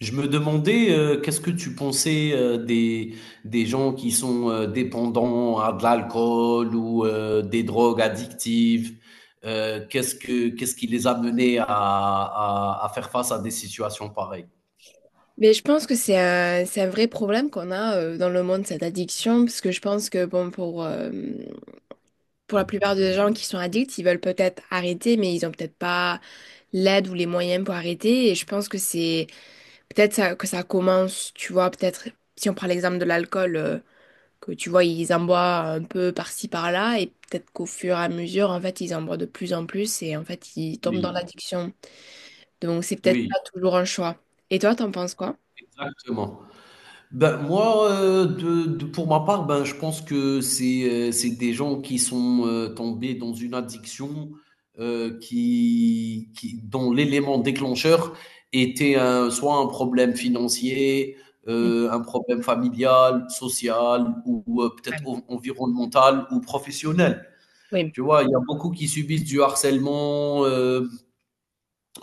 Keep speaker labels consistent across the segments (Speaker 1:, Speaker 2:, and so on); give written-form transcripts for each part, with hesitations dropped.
Speaker 1: Je me demandais, qu'est-ce que tu pensais des gens qui sont dépendants à de l'alcool ou des drogues addictives? Qu'est-ce qui les a menés à faire face à des situations pareilles?
Speaker 2: Mais je pense que c'est un vrai problème qu'on a dans le monde, cette addiction, parce que je pense que bon, pour la plupart des gens qui sont addicts, ils veulent peut-être arrêter, mais ils ont peut-être pas l'aide ou les moyens pour arrêter. Et je pense que c'est peut-être ça, que ça commence, tu vois, peut-être si on prend l'exemple de l'alcool, que tu vois, ils en boivent un peu par-ci, par-là, et peut-être qu'au fur et à mesure, en fait, ils en boivent de plus en plus, et en fait, ils tombent dans
Speaker 1: Oui,
Speaker 2: l'addiction. Donc, c'est peut-être
Speaker 1: oui,
Speaker 2: pas toujours un choix. Et toi, t'en penses quoi?
Speaker 1: exactement. Ben, moi, pour ma part, ben, je pense que c'est des gens qui sont tombés dans une addiction dont l'élément déclencheur était soit un problème financier,
Speaker 2: Mm.
Speaker 1: un problème familial, social peut-être
Speaker 2: Ouais.
Speaker 1: environnemental ou professionnel.
Speaker 2: Oui.
Speaker 1: Tu vois, il y a beaucoup qui subissent du harcèlement,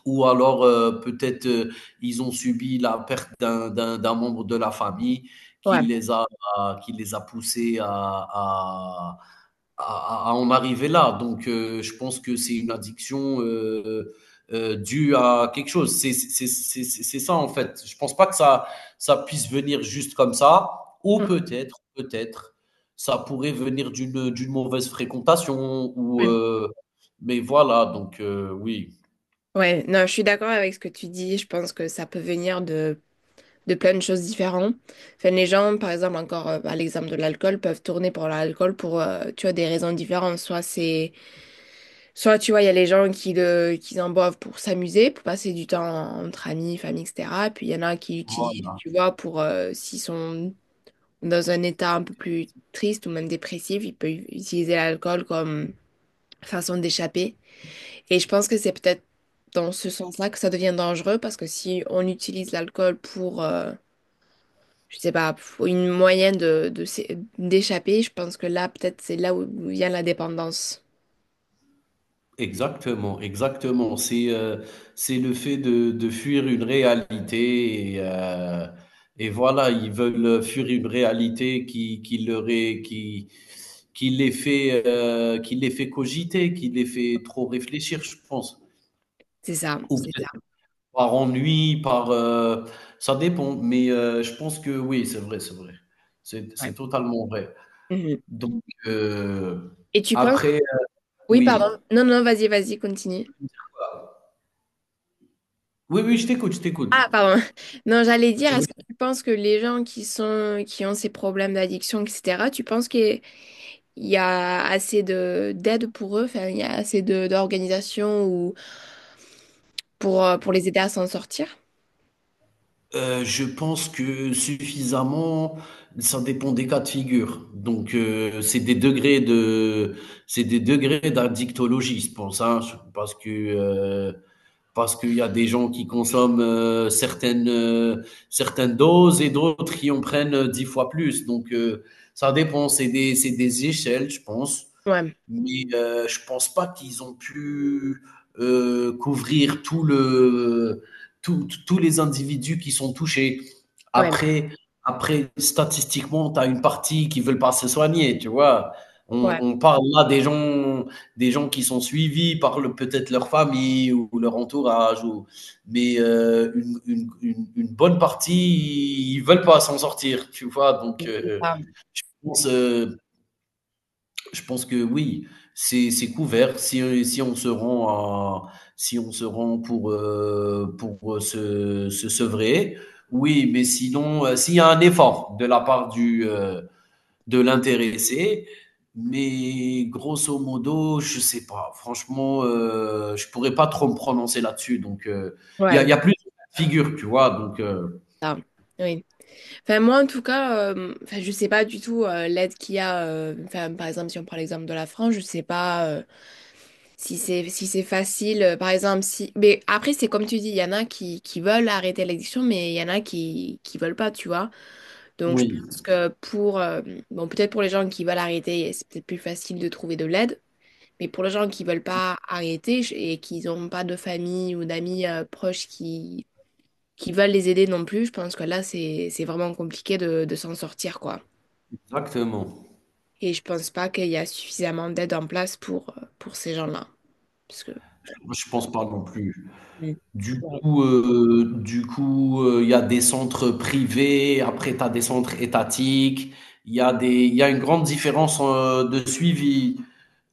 Speaker 1: ou alors peut-être ils ont subi la perte d'un membre de la famille qui
Speaker 2: Ouais.
Speaker 1: qui les a poussés à en arriver là. Donc je pense que c'est une addiction due à quelque chose. C'est ça en fait. Je pense pas que ça puisse venir juste comme ça, ou peut-être, ça pourrait venir d'une mauvaise fréquentation, ou
Speaker 2: Oui.
Speaker 1: mais voilà, donc oui.
Speaker 2: Ouais, non, je suis d'accord avec ce que tu dis. Je pense que ça peut venir de plein de choses différentes. Enfin, les gens, par exemple, encore à l'exemple de l'alcool, peuvent tourner pour l'alcool pour, tu vois, des raisons différentes. Soit tu vois, il y a les gens qui en boivent pour s'amuser, pour passer du temps entre amis, famille, etc. Puis il y en a qui l'utilisent,
Speaker 1: Voilà.
Speaker 2: tu vois, pour, s'ils sont dans un état un peu plus triste ou même dépressif, ils peuvent utiliser l'alcool comme façon d'échapper. Et je pense que c'est peut-être dans ce sens-là que ça devient dangereux parce que si on utilise l'alcool pour, je sais pas, pour une moyenne de d'échapper, je pense que là, peut-être c'est là où vient la dépendance.
Speaker 1: Exactement, exactement. C'est le fait de fuir une réalité et voilà, ils veulent fuir une réalité qui les fait cogiter, qui les fait trop réfléchir, je pense.
Speaker 2: C'est ça,
Speaker 1: Ou
Speaker 2: c'est ça.
Speaker 1: peut-être par ennui, par ça dépend. Mais je pense que oui, c'est vrai, c'est vrai. C'est
Speaker 2: Ouais.
Speaker 1: totalement vrai.
Speaker 2: Mhm.
Speaker 1: Donc
Speaker 2: Et tu penses...
Speaker 1: après,
Speaker 2: Oui, pardon.
Speaker 1: oui.
Speaker 2: Non, non, vas-y, vas-y, continue.
Speaker 1: Oui, oui, je t'écoute, je t'écoute.
Speaker 2: Ah, pardon. Non, j'allais dire,
Speaker 1: Tu veux
Speaker 2: est-ce que tu penses que les gens qui ont ces problèmes d'addiction, etc., tu penses qu'il y a assez de d'aide pour eux, enfin, il y a assez de d'organisations pour les aider à s'en sortir.
Speaker 1: Je pense que suffisamment, ça dépend des cas de figure. Donc, c'est des degrés de, c'est des degrés d'addictologie, je pense, hein, parce que parce qu'il y a des gens qui consomment certaines certaines doses et d'autres qui en prennent dix fois plus. Donc, ça dépend. C'est des échelles, je pense,
Speaker 2: Ouais,
Speaker 1: mais je pense pas qu'ils ont pu couvrir tout le, tout- tout- tous les individus qui sont touchés.
Speaker 2: ouais,
Speaker 1: Après, après statistiquement, tu as une partie qui veulent pas se soigner, tu vois. On,
Speaker 2: ouais.
Speaker 1: on parle là des gens qui sont suivis par peut-être leur famille ou leur entourage, ou, mais une bonne partie, ils veulent pas s'en sortir, tu vois. Donc,
Speaker 2: C'est ça.
Speaker 1: je pense, euh, je pense que oui, c'est couvert. Si on se rend à si on se rend pour, se sevrer, oui, mais sinon, s'il y a un effort de la part du, de l'intéressé, mais grosso modo, je sais pas. Franchement, je pourrais pas trop me prononcer là-dessus donc il
Speaker 2: Ouais,
Speaker 1: y a plusieurs de figure, tu vois? Donc
Speaker 2: ça. Oui. Enfin, moi, en tout cas, enfin, je sais pas du tout l'aide qu'il y a. Enfin, par exemple, si on prend l'exemple de la France, je sais pas si c'est facile. Euh, par exemple, si. Mais après, c'est comme tu dis, il y en a qui veulent arrêter l'addiction, mais il y en a qui veulent pas, tu vois. Donc, je
Speaker 1: oui,
Speaker 2: pense que pour, bon, peut-être pour les gens qui veulent arrêter, c'est peut-être plus facile de trouver de l'aide. Mais pour les gens qui veulent pas arrêter et qui n'ont pas de famille ou d'amis proches qui veulent les aider non plus, je pense que là, c'est vraiment compliqué de s'en sortir, quoi.
Speaker 1: exactement.
Speaker 2: Et je pense pas qu'il y a suffisamment d'aide en place pour ces gens-là. Parce que...
Speaker 1: Moi, je pense pas non plus.
Speaker 2: Ouais.
Speaker 1: Du coup, il y a des centres privés, après tu as des centres étatiques, il y a une grande différence, de suivi,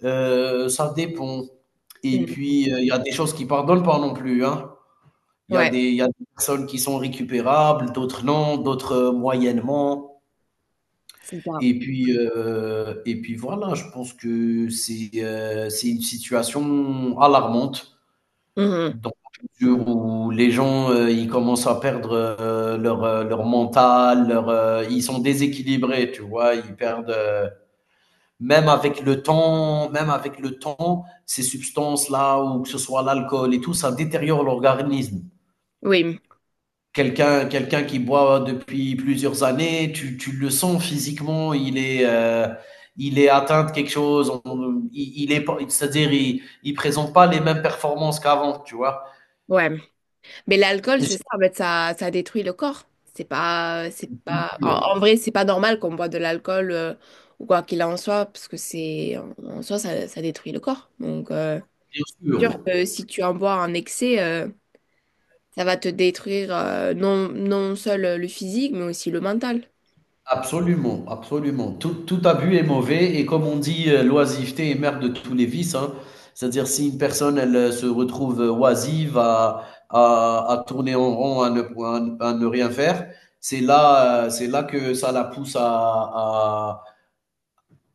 Speaker 1: ça dépend, et
Speaker 2: Mm.
Speaker 1: puis, il y a des choses qui pardonnent pas non plus, hein.
Speaker 2: Ouais,
Speaker 1: Il y a des personnes qui sont récupérables, d'autres non, d'autres, moyennement,
Speaker 2: c'est ça.
Speaker 1: et puis, heu, et puis voilà, je pense que c'est une situation alarmante.
Speaker 2: Mhm.
Speaker 1: Dans la mesure où les gens, ils commencent à perdre, leur, leur mental, leur, ils sont déséquilibrés, tu vois? Ils perdent, même avec le temps, ces substances-là ou que ce soit l'alcool et tout, ça détériore l'organisme.
Speaker 2: Oui,
Speaker 1: Quelqu'un qui boit depuis plusieurs années, tu le sens physiquement, il est atteint de quelque chose, on il est pas c'est-à-dire il présente pas les mêmes performances qu'avant, tu vois?
Speaker 2: ouais. Mais l'alcool,
Speaker 1: Et
Speaker 2: c'est ça, en fait, ça détruit le corps. C'est pas,
Speaker 1: c'est-
Speaker 2: en, en vrai, c'est pas normal qu'on boit de l'alcool ou quoi qu'il en soit, parce que c'est, en soi, ça détruit le corps. Donc,
Speaker 1: Bien
Speaker 2: c'est sûr
Speaker 1: sûr,
Speaker 2: que si tu en bois en excès, ça va te détruire non, non seul le physique, mais aussi le mental.
Speaker 1: absolument, absolument. Tout abus est mauvais et comme on dit, l'oisiveté est mère de tous les vices, hein. C'est-à-dire si une personne, elle, se retrouve, oisive à tourner en rond, à ne rien faire, c'est là que ça la pousse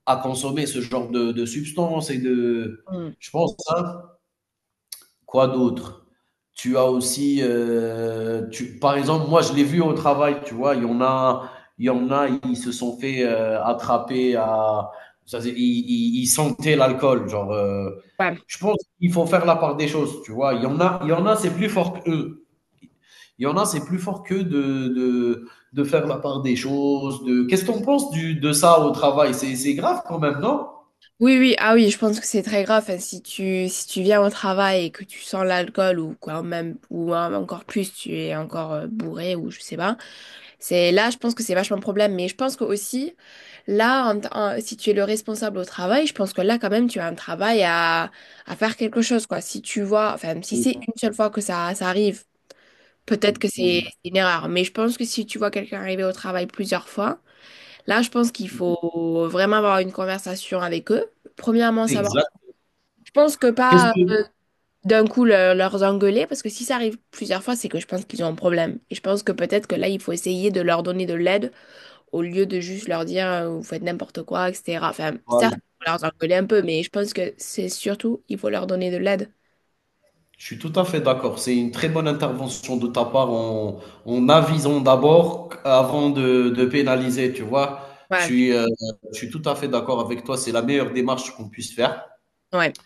Speaker 1: à consommer ce genre de substances et de,
Speaker 2: Mm.
Speaker 1: je pense, hein. Quoi d'autre? Tu as aussi, tu par exemple, moi, je l'ai vu au travail, tu vois? Il y en a, ils se sont fait, attraper à, ça faisait ils sentaient l'alcool, genre,
Speaker 2: Ouais.
Speaker 1: je pense qu'il faut faire la part des choses, tu vois? Il y en a, c'est plus fort qu'eux. Il y en a, c'est plus fort qu'eux de faire la part des choses, de qu'est-ce qu'on pense en du de ça au travail? C'est grave quand même, non?
Speaker 2: Oui, oui, ah oui, je pense que c'est très grave. Enfin, si tu viens au travail et que tu sens l'alcool ou quoi, même, ou hein, encore plus, tu es encore bourré ou je sais pas. C'est là, je pense que c'est vachement un problème. Mais je pense que aussi, là, si tu es le responsable au travail, je pense que là, quand même, tu as un travail à faire quelque chose, quoi. Si tu vois, enfin, si
Speaker 1: Oui,
Speaker 2: c'est une seule fois que ça arrive, peut-être que c'est
Speaker 1: oui,
Speaker 2: c'est une erreur. Mais je pense que si tu vois quelqu'un arriver au travail plusieurs fois, là, je pense qu'il faut vraiment avoir une conversation avec eux. Premièrement, savoir.
Speaker 1: exact.
Speaker 2: Je pense que
Speaker 1: Qu'est-ce
Speaker 2: pas
Speaker 1: que voilà.
Speaker 2: leur engueuler, parce que si ça arrive plusieurs fois, c'est que je pense qu'ils ont un problème. Et je pense que peut-être que là, il faut essayer de leur donner de l'aide au lieu de juste leur dire vous faites n'importe quoi, etc. Enfin, certes, il faut leur engueuler un peu, mais je pense que c'est surtout, il faut leur donner de l'aide.
Speaker 1: Je suis tout à fait d'accord. C'est une très bonne intervention de ta part en, en avisant d'abord avant de pénaliser, tu vois. Je
Speaker 2: Ouais,
Speaker 1: suis, euh, je suis tout à fait d'accord avec toi. C'est la meilleure démarche qu'on puisse faire.
Speaker 2: ouais,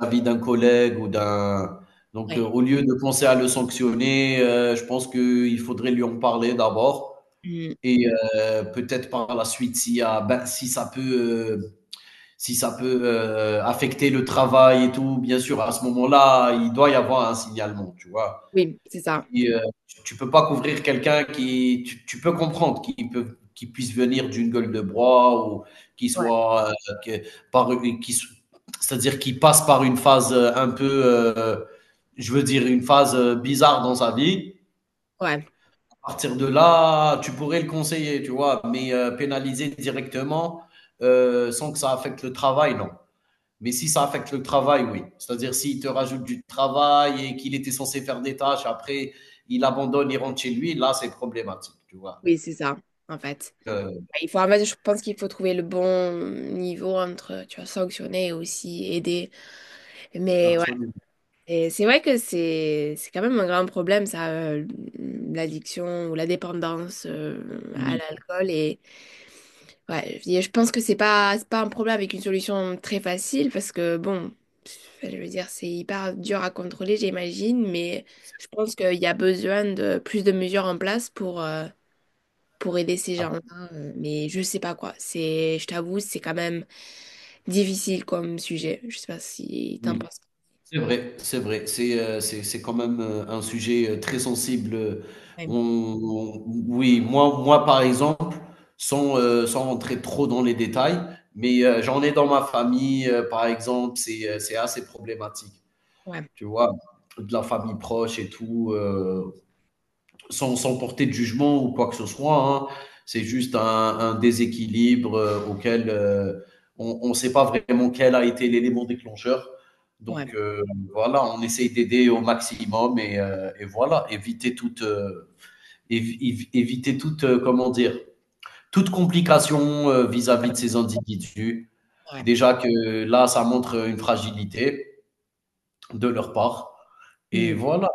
Speaker 1: L'avis d'un collègue ou d'un... Donc,
Speaker 2: ouais.
Speaker 1: au lieu de penser à le sanctionner, je pense qu'il faudrait lui en parler d'abord.
Speaker 2: Mm.
Speaker 1: Et peut-être par la suite, si, ben, si ça peut, si ça peut affecter le travail et tout, bien sûr, à ce moment-là, il doit y avoir un signalement, tu vois.
Speaker 2: Oui, c'est ça.
Speaker 1: Qui, tu peux pas couvrir quelqu'un qui tu peux comprendre qu'il puisse venir d'une gueule de bois ou qu'il
Speaker 2: Ouais,
Speaker 1: soit, que par une qui c'est-à-dire qu'il passe par une phase, un peu, je veux dire, une phase, bizarre dans sa vie.
Speaker 2: ouais,
Speaker 1: À partir de là, tu pourrais le conseiller, tu vois? Mais, pénaliser directement, sans que ça affecte le travail, non. Mais si ça affecte le travail, oui. C'est-à-dire s'il te rajoute du travail et qu'il était censé faire des tâches, après il abandonne, il rentre chez lui, là c'est problématique, tu vois.
Speaker 2: oui, c'est ça, en fait.
Speaker 1: Euh,
Speaker 2: Ouais, il faut, en fait, je pense qu'il faut trouver le bon niveau entre, tu vois, sanctionner et aussi aider. Mais ouais,
Speaker 1: absolument.
Speaker 2: et c'est vrai que c'est quand même un grand problème, ça, l'addiction ou la dépendance à
Speaker 1: Oui,
Speaker 2: l'alcool. Et ouais, je pense que c'est pas un problème avec une solution très facile parce que, bon, enfin, je veux dire, c'est hyper dur à contrôler, j'imagine, mais
Speaker 1: c'est
Speaker 2: je pense qu'il y a besoin de plus de mesures en place pour aider ces
Speaker 1: ah,
Speaker 2: gens-là, mais je sais pas quoi. C'est, je t'avoue, c'est quand même difficile comme sujet. Je sais pas si t'en
Speaker 1: oui,
Speaker 2: penses.
Speaker 1: c'est vrai, c'est vrai. C'est c'est quand même un sujet très sensible.
Speaker 2: Ouais,
Speaker 1: Oui, moi par exemple, sans sans rentrer trop dans les détails, mais j'en ai dans ma famille par exemple, c'est assez problématique,
Speaker 2: ouais,
Speaker 1: tu vois, de la famille proche et tout. Euh, sans, sans porter de jugement ou quoi que ce soit. Hein. C'est juste un déséquilibre auquel on ne sait pas vraiment quel a été l'élément déclencheur.
Speaker 2: ouais.
Speaker 1: Donc voilà, on essaye d'aider au maximum et voilà, éviter toute, éviter toute, comment dire, toute complication vis-à-vis de ces individus.
Speaker 2: Ouais.
Speaker 1: Déjà que là, ça montre une fragilité de leur part. Et
Speaker 2: Mm.
Speaker 1: voilà.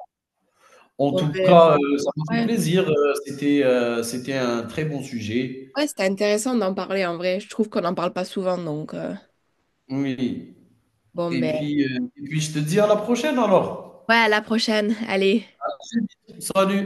Speaker 1: En
Speaker 2: Bon,
Speaker 1: tout
Speaker 2: ben,
Speaker 1: cas, ça m'a fait
Speaker 2: ouais.
Speaker 1: plaisir, c'était, c'était un très bon sujet.
Speaker 2: Ouais, c'était intéressant d'en parler en vrai. Je trouve qu'on n'en parle pas souvent, donc
Speaker 1: Oui,
Speaker 2: bon
Speaker 1: et
Speaker 2: ben.
Speaker 1: puis, heu, et puis je te dis à la prochaine
Speaker 2: Ouais,
Speaker 1: alors.
Speaker 2: à la prochaine. Allez.
Speaker 1: Salut.